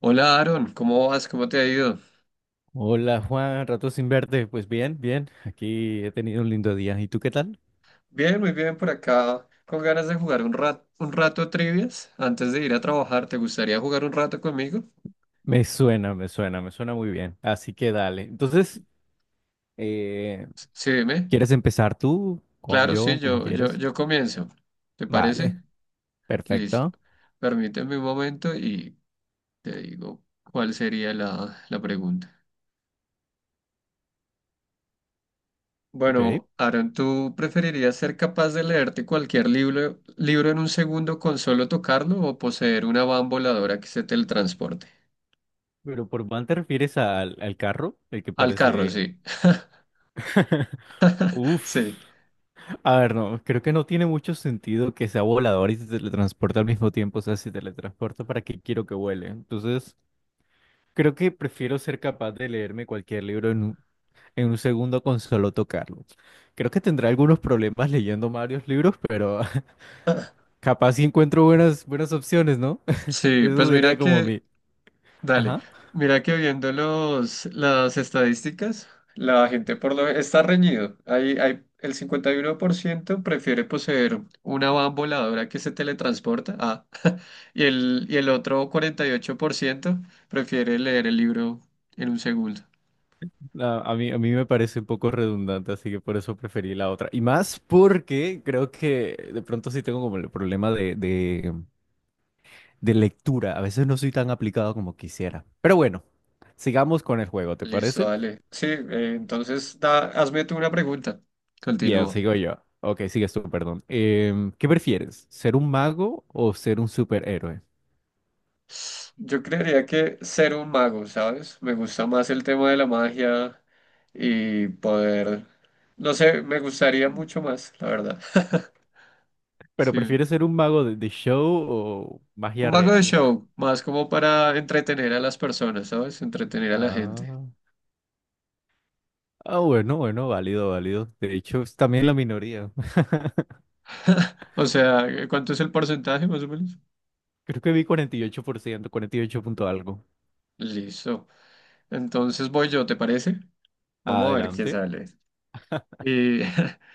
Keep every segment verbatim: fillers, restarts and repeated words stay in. Hola, Aaron, ¿cómo vas? ¿Cómo te ha ido? Hola Juan, rato sin verte. Pues bien, bien. Aquí he tenido un lindo día. ¿Y tú qué tal? Bien, muy bien por acá, con ganas de jugar un rato, un rato trivias antes de ir a trabajar. ¿Te gustaría jugar un rato conmigo? Me suena, me suena, me suena muy bien. Así que dale. Entonces, eh, S- Sí, dime. ¿quieres empezar tú o Claro, sí, yo, como yo, yo, quieres? yo comienzo. ¿Te parece? Vale, Listo. perfecto. Permíteme un momento y te digo cuál sería la, la pregunta. Ok. Bueno, Aaron, ¿tú preferirías ser capaz de leerte cualquier libro, libro en un segundo con solo tocarlo, o poseer una van voladora que se teletransporte? Pero por van te refieres al, al carro, el que Al carro, parece... sí. Uf. Sí, A ver, no, creo que no tiene mucho sentido que sea volador y se teletransporte al mismo tiempo. O sea, si teletransporta, ¿para qué quiero que vuele? Entonces... Creo que prefiero ser capaz de leerme cualquier libro en un, en un segundo con solo tocarlo. Creo que tendré algunos problemas leyendo varios libros, pero capaz sí encuentro buenas, buenas opciones, ¿no? sí, pues Eso sería mira como que, mi... dale, Ajá. mira que viendo los, las estadísticas, la gente por lo está reñido. Hay, hay el cincuenta y uno por ciento prefiere poseer una van voladora que se teletransporta, ah, y el, y el otro cuarenta y ocho por ciento prefiere leer el libro en un segundo. A, a mí, a mí me parece un poco redundante, así que por eso preferí la otra. Y más porque creo que de pronto sí tengo como el problema de, de, de lectura. A veces no soy tan aplicado como quisiera. Pero bueno, sigamos con el juego, ¿te Listo, parece? dale. Sí, eh, entonces da, hazme tú una pregunta. Bien, Continúo. sigo yo. Ok, sigues tú, perdón. Em, ¿qué prefieres? ¿Ser un mago o ser un superhéroe? Yo creería que ser un mago, ¿sabes? Me gusta más el tema de la magia y poder, no sé, me gustaría mucho más, la verdad. ¿Pero Sí. prefieres ser un mago de, de show o Un magia mago de real? show, más como para entretener a las personas, ¿sabes? Entretener a la gente. Ah, ah, bueno, bueno, válido, válido. De hecho, es también la minoría. O sea, eh, ¿cuánto es el porcentaje más o menos? Creo que vi cuarenta y ocho por ciento, cuarenta y ocho punto algo. Listo. Entonces voy yo, ¿te parece? Vamos a ver qué Adelante. sale. Y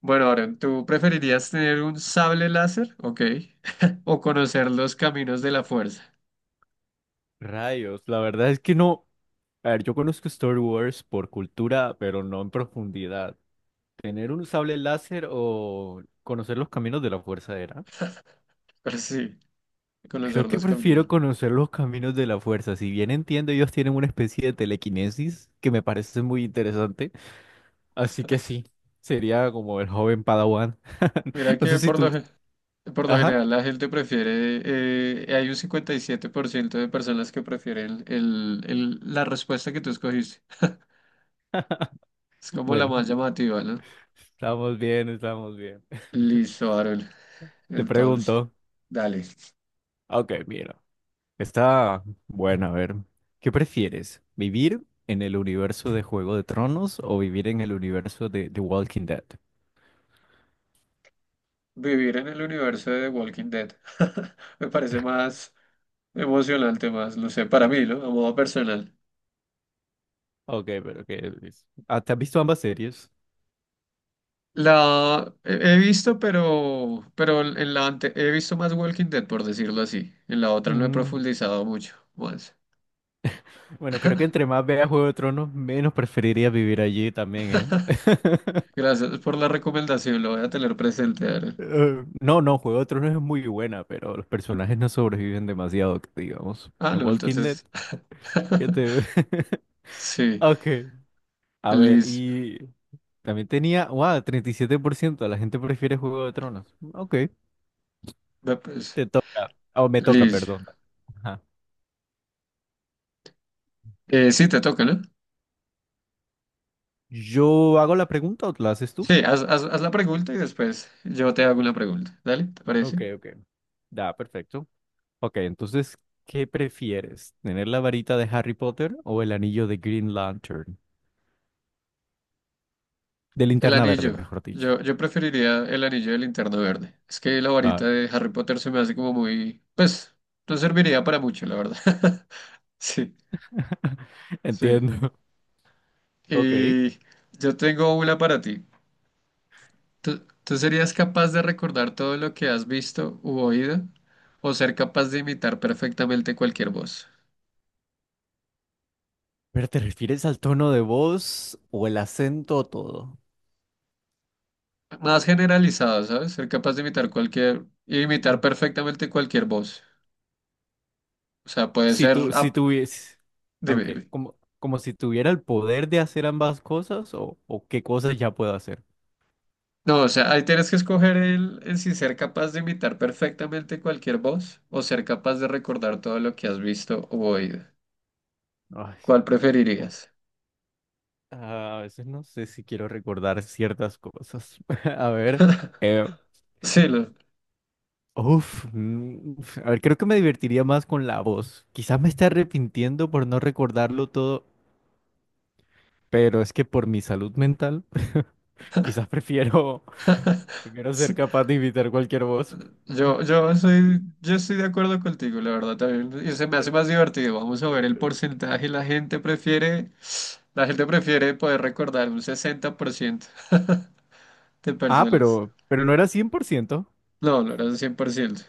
bueno, Aaron, ¿tú preferirías tener un sable láser? Ok. ¿O conocer los caminos de la fuerza? Rayos, la verdad es que no. A ver, yo conozco Star Wars por cultura, pero no en profundidad. ¿Tener un sable láser o conocer los caminos de la fuerza era? Pero sí, conocer Creo que los caminos de prefiero la- conocer los caminos de la fuerza. Si bien entiendo, ellos tienen una especie de telequinesis que me parece muy interesante. Así que sí, sería como el joven Padawan. Mira No sé que si por tú... lo, gen- por lo Ajá, general la gente prefiere, eh, hay un cincuenta y siete por ciento de personas que prefieren el, el- la respuesta que tú escogiste. Es como la bueno, más llamativa, ¿no? estamos bien, estamos bien. Listo, Aaron. Te Entonces, pregunto. dale. Ok, mira. Está bueno, a ver. ¿Qué prefieres? ¿Vivir en el universo de Juego de Tronos o vivir en el universo de The Walking Dead? Vivir en el universo de The Walking Dead. Me parece más emocionante, más, no sé, para mí, ¿no? A modo personal. Ok, pero ¿qué es? Ah, ¿te has visto ambas series? La he he visto, pero, pero en la ante- he visto más Walking Dead, por decirlo así. En la otra no he Mm. profundizado mucho más. Bueno, creo que entre más vea Juego de Tronos, menos preferiría vivir allí también, ¿eh? Gracias por la recomendación, lo voy a tener presente, Aaron. Eh, No, no, Juego de Tronos es muy buena, pero los personajes no sobreviven demasiado, que digamos. Ah, En no, Walking Dead, entonces. ¿qué te... Sí, Ok, a ver, Liz, y también tenía, wow, treinta y siete por ciento de la gente prefiere Juego de Tronos. Ok, ve, pues, te toca, o me toca, Liz. perdón. Ajá. Eh, sí, te toca, ¿no? ¿Yo hago la pregunta o la haces tú? Sí, haz, haz- haz la pregunta y después yo te hago una pregunta. Dale, ¿te parece? Ok, ok. Da, perfecto. Ok, entonces, ¿qué prefieres? ¿Tener la varita de Harry Potter o el anillo de Green Lantern? De El linterna verde, anillo. mejor dicho. Yo, yo preferiría el anillo del Linterna Verde. Es que la Ah, varita de Harry Potter se me hace como muy... Pues, no serviría para mucho, la verdad. Sí, sí. entiendo. Ok. Y yo tengo una para ti. ¿Tú, tú serías capaz de recordar todo lo que has visto u oído, o ser capaz de imitar perfectamente cualquier voz? ¿Pero te refieres al tono de voz o el acento o todo? Más generalizado, ¿sabes? Ser capaz de imitar cualquier... Imitar Mm. perfectamente cualquier voz. O sea, puede Si ser... tú, si ap- tuvies... Dime, Ok, dime. como, como si tuviera el poder de hacer ambas cosas o, o qué cosas ya puedo hacer. No, o sea, ahí tienes que escoger el, el si ser capaz de imitar perfectamente cualquier voz o ser capaz de recordar todo lo que has visto o oído. Ay, ¿Cuál co- preferirías? ah, a veces no sé si quiero recordar ciertas cosas. A ver, eh, Sí, lo, Uf, mm, uf, a ver, creo que me divertiría más con la voz. Quizás me esté arrepintiendo por no recordarlo todo, pero es que por mi salud mental, quizás prefiero, prefiero, sí. ser capaz de imitar cualquier voz. Yo, yo soy, yo estoy de acuerdo contigo, la verdad también. Y se me hace más divertido. Vamos a ver el porcentaje. La gente prefiere, la gente prefiere poder recordar un sesenta por ciento de Ah, personas. pero, pero no era cien por ciento. No, no era un cien por ciento.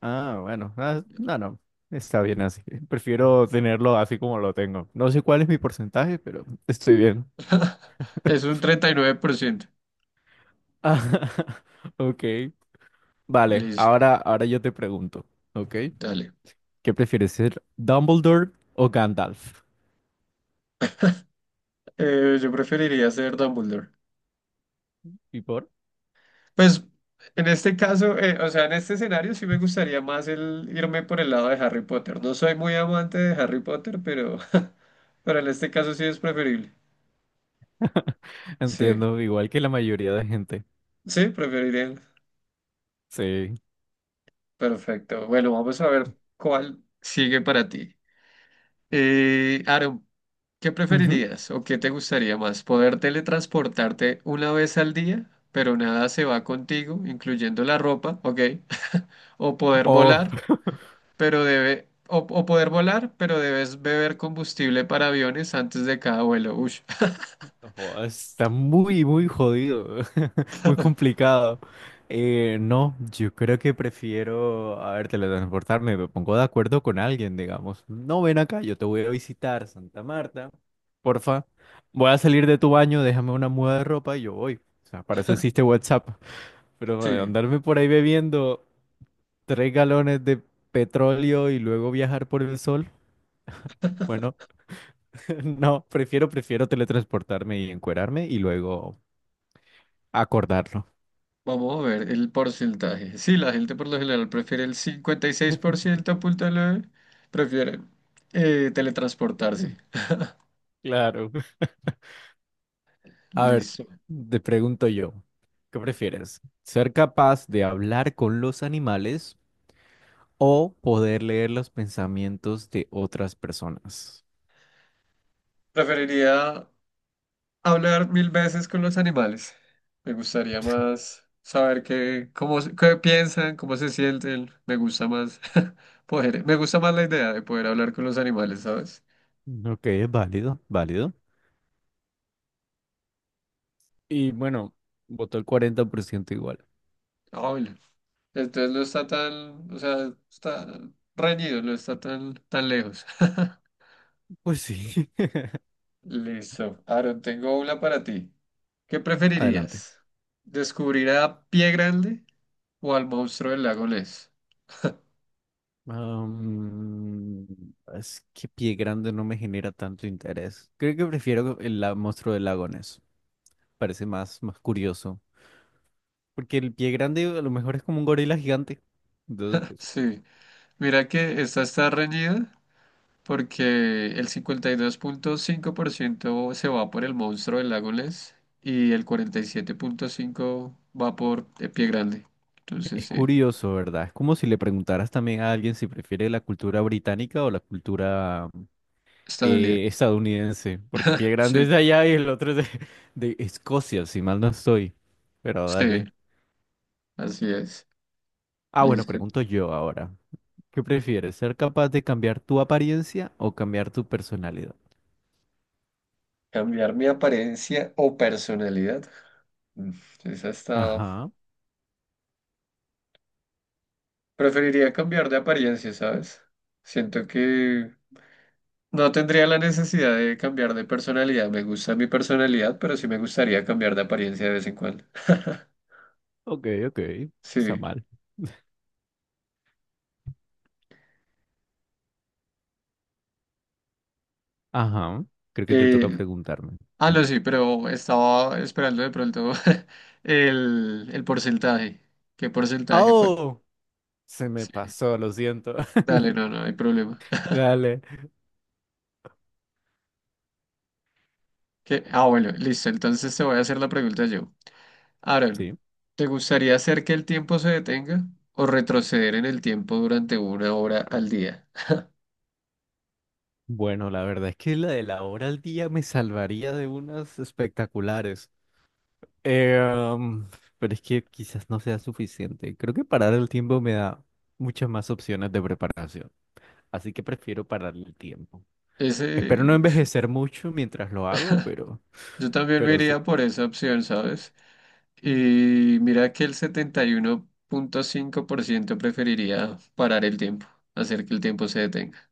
Ah, bueno, ah, no, no, está bien así. Prefiero tenerlo así como lo tengo. No sé cuál es mi porcentaje, pero estoy bien. Es un treinta y nueve por ciento. Ah, ok, vale, Listo, ahora, ahora yo te pregunto, ¿ok? dale. ¿Qué prefieres ser, Dumbledore o Gandalf? Eh, yo preferiría ser Dumbledore. ¿Y por? Pues en este caso, eh, o sea, en este escenario sí me gustaría más el irme por el lado de Harry Potter. No soy muy amante de Harry Potter, pero pero en este caso sí es preferible. Sí, Entiendo, igual que la mayoría de gente. sí, preferiría. Sí. Perfecto. Bueno, vamos a ver cuál sigue para ti. Eh, Aaron, ¿qué Ujú. preferirías o qué te gustaría más? ¿Poder teletransportarte una vez al día, pero nada se va contigo, incluyendo la ropa, ok? ¿O poder Oh, volar? pero debe, o, o poder volar, pero debes beber combustible para aviones antes de cada vuelo. Ush, oh, está muy, muy jodido, muy complicado. Eh, no, yo creo que prefiero, a ver, teletransportarme, me pongo de acuerdo con alguien, digamos. No, ven acá, yo te voy a visitar, Santa Marta. Porfa, voy a salir de tu baño, déjame una muda de ropa y yo voy. O sea, para eso existe WhatsApp. Pero eh, sí, andarme por ahí bebiendo, tres galones de petróleo y luego viajar por el sol. Bueno, no, prefiero, prefiero teletransportarme y encuerarme y luego acordarlo. vamos a ver el porcentaje. Sí, la gente por lo general prefiere el cincuenta y seis punto nueve, prefiere eh, teletransportarse. Mm. Claro. A ver, Listo. te pregunto yo, ¿qué prefieres? ¿Ser capaz de hablar con los animales o poder leer los pensamientos de otras personas? Preferiría hablar mil veces con los animales. Me gustaría más saber qué, cómo, se- qué piensan, cómo se sienten. Me gusta más poder, me gusta más la idea de poder hablar con los animales, ¿sabes? Ok, es válido, válido. Y bueno, votó el cuarenta por ciento igual. Ay, entonces no está tan, o sea, está reñido, no está tan, tan lejos. Pues sí. Listo. Aaron, tengo una para ti. ¿Qué Adelante. preferirías? ¿Descubrir a Pie Grande o al monstruo del lago Ness? Am, es que Pie Grande no me genera tanto interés. Creo que prefiero el la- Monstruo de Lagones. Parece más, más curioso. Porque el Pie Grande a lo mejor es como un gorila gigante. Entonces, pues, Sí, mira que esta está reñida porque el cincuenta y dos punto cinco por ciento se va por el monstruo del lago Ness y el cuarenta y siete punto cinco por ciento va por eh, Pie Grande. Entonces es sí, curioso, ¿verdad? Es como si le preguntaras también a alguien si prefiere la cultura británica o la cultura está dolido. eh, estadounidense. Porque Pie Grande es Sí, de allá y el otro es de, de Escocia, si mal no estoy. Pero sí, dale. así es. Ah, bueno, Listo. pregunto yo ahora. ¿Qué prefieres, ser capaz de cambiar tu apariencia o cambiar tu personalidad? Cambiar mi apariencia o personalidad. Mm, esa está. Ajá, Preferiría cambiar de apariencia, ¿sabes? Siento que no tendría la necesidad de cambiar de personalidad. Me gusta mi personalidad, pero sí me gustaría cambiar de apariencia de vez en cuando. ok, ok, está Sí. mal. Ajá, creo que te toca Eh, preguntarme. ah, no, sí, pero estaba esperando de pronto el, el porcentaje. ¿Qué porcentaje fue? ¡Oh! Se me Sí. pasó, lo siento. Dale, no, no hay problema. Dale. ¿Qué? Ah, bueno, listo. Entonces te voy a hacer la pregunta yo. Ahora, Sí. ¿te gustaría hacer que el tiempo se detenga o retroceder en el tiempo durante una hora al día? Bueno, la verdad es que la de la hora al día me salvaría de unas espectaculares. Eh, um, pero es que quizás no sea suficiente. Creo que parar el tiempo me da muchas más opciones de preparación. Así que prefiero parar el tiempo. Espero Ese, no uf, envejecer mucho mientras lo hago, pero, yo también me pero sí. iría por esa opción, ¿sabes? Y mira que el setenta y uno punto cinco por ciento preferiría parar el tiempo, hacer que el tiempo se detenga.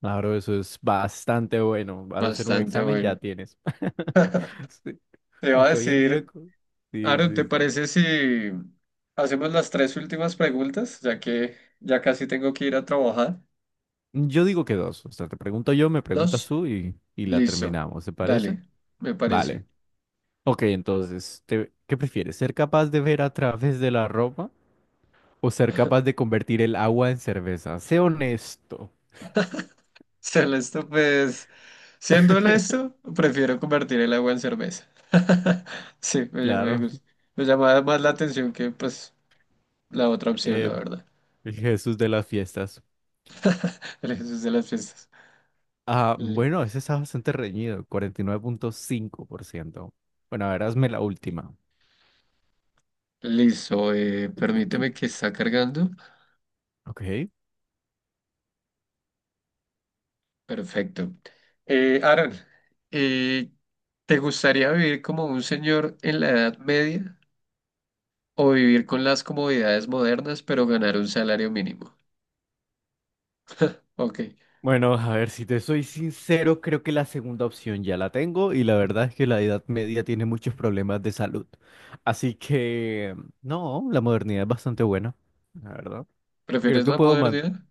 Claro, eso es bastante bueno. Vas a hacer un Bastante examen, ya bueno. tienes. Sí. Te iba a Aunque hoy en día... decir, co- Sí, Aaron, ¿te sí, sí. parece si hacemos las tres últimas preguntas, ya que ya casi tengo que ir a trabajar? Yo digo que dos. O sea, te pregunto yo, me preguntas Dos. tú y, y la Listo. terminamos, ¿se parece? Dale, me Vale. parece. Ok, entonces, te- ¿qué prefieres? ¿Ser capaz de ver a través de la ropa o ser capaz de convertir el agua en cerveza? Sé honesto. Ser pues, siendo honesto, prefiero convertir el agua en cerveza. Sí, me, ll- me Claro, gusta. Me llamaba más la atención que, pues, la otra opción, la eh, verdad. el Jesús de las fiestas. El Jesús de las fiestas. Ah, Li- bueno, ese está bastante reñido, cuarenta y nueve punto cinco por ciento. Bueno, ahora hazme la última. Listo, eh, permíteme, que está cargando. Ok. Perfecto. Eh, Aaron, eh, ¿te gustaría vivir como un señor en la Edad Media o vivir con las comodidades modernas pero ganar un salario mínimo? Ok, Bueno, a ver, si te soy sincero, creo que la segunda opción ya la tengo y la verdad es que la Edad Media tiene muchos problemas de salud. Así que, no, la modernidad es bastante buena, la verdad. Creo ¿prefieres que la puedo man... modernidad?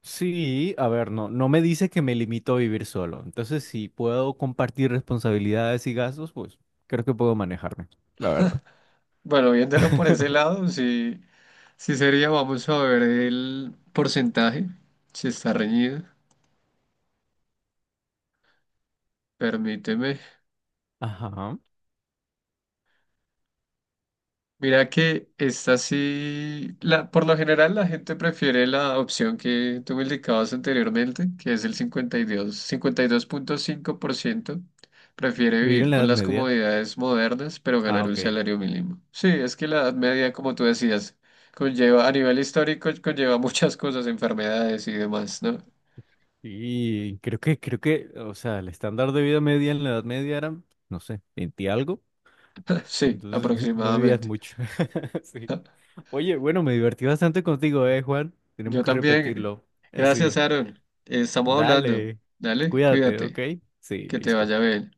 Sí, a ver, no, no me dice que me limito a vivir solo. Entonces, si puedo compartir responsabilidades y gastos, pues creo que puedo manejarme, la verdad. Bueno, viéndolo por ese lado, sí, sí sería, vamos a ver el porcentaje, si está reñido. Permíteme. Ajá. Mira que esta sí, la, por lo general la gente prefiere la opción que tú me indicabas anteriormente, que es el cincuenta cincuenta y y dos, cincuenta y dos punto cinco por ciento prefiere Vivir en vivir la con Edad las Media. comodidades modernas, pero Ah, ganar un ok. salario mínimo. Sí, es que la edad media, como tú decías, conlleva, a nivel histórico, conlleva muchas cosas, enfermedades y demás, ¿no? Y creo que, creo que, o sea, el estándar de vida media en la Edad Media era, no sé, veinte algo. Sí, Entonces no vivías aproximadamente. mucho. Sí. Oye, bueno, me divertí bastante contigo, ¿eh, Juan? Tenemos Yo que también. repetirlo. Eh, Gracias, Sí. Aaron. Estamos hablando. Dale. Dale, Cuídate, cuídate. ¿ok? Sí, Que te listo. vaya bien.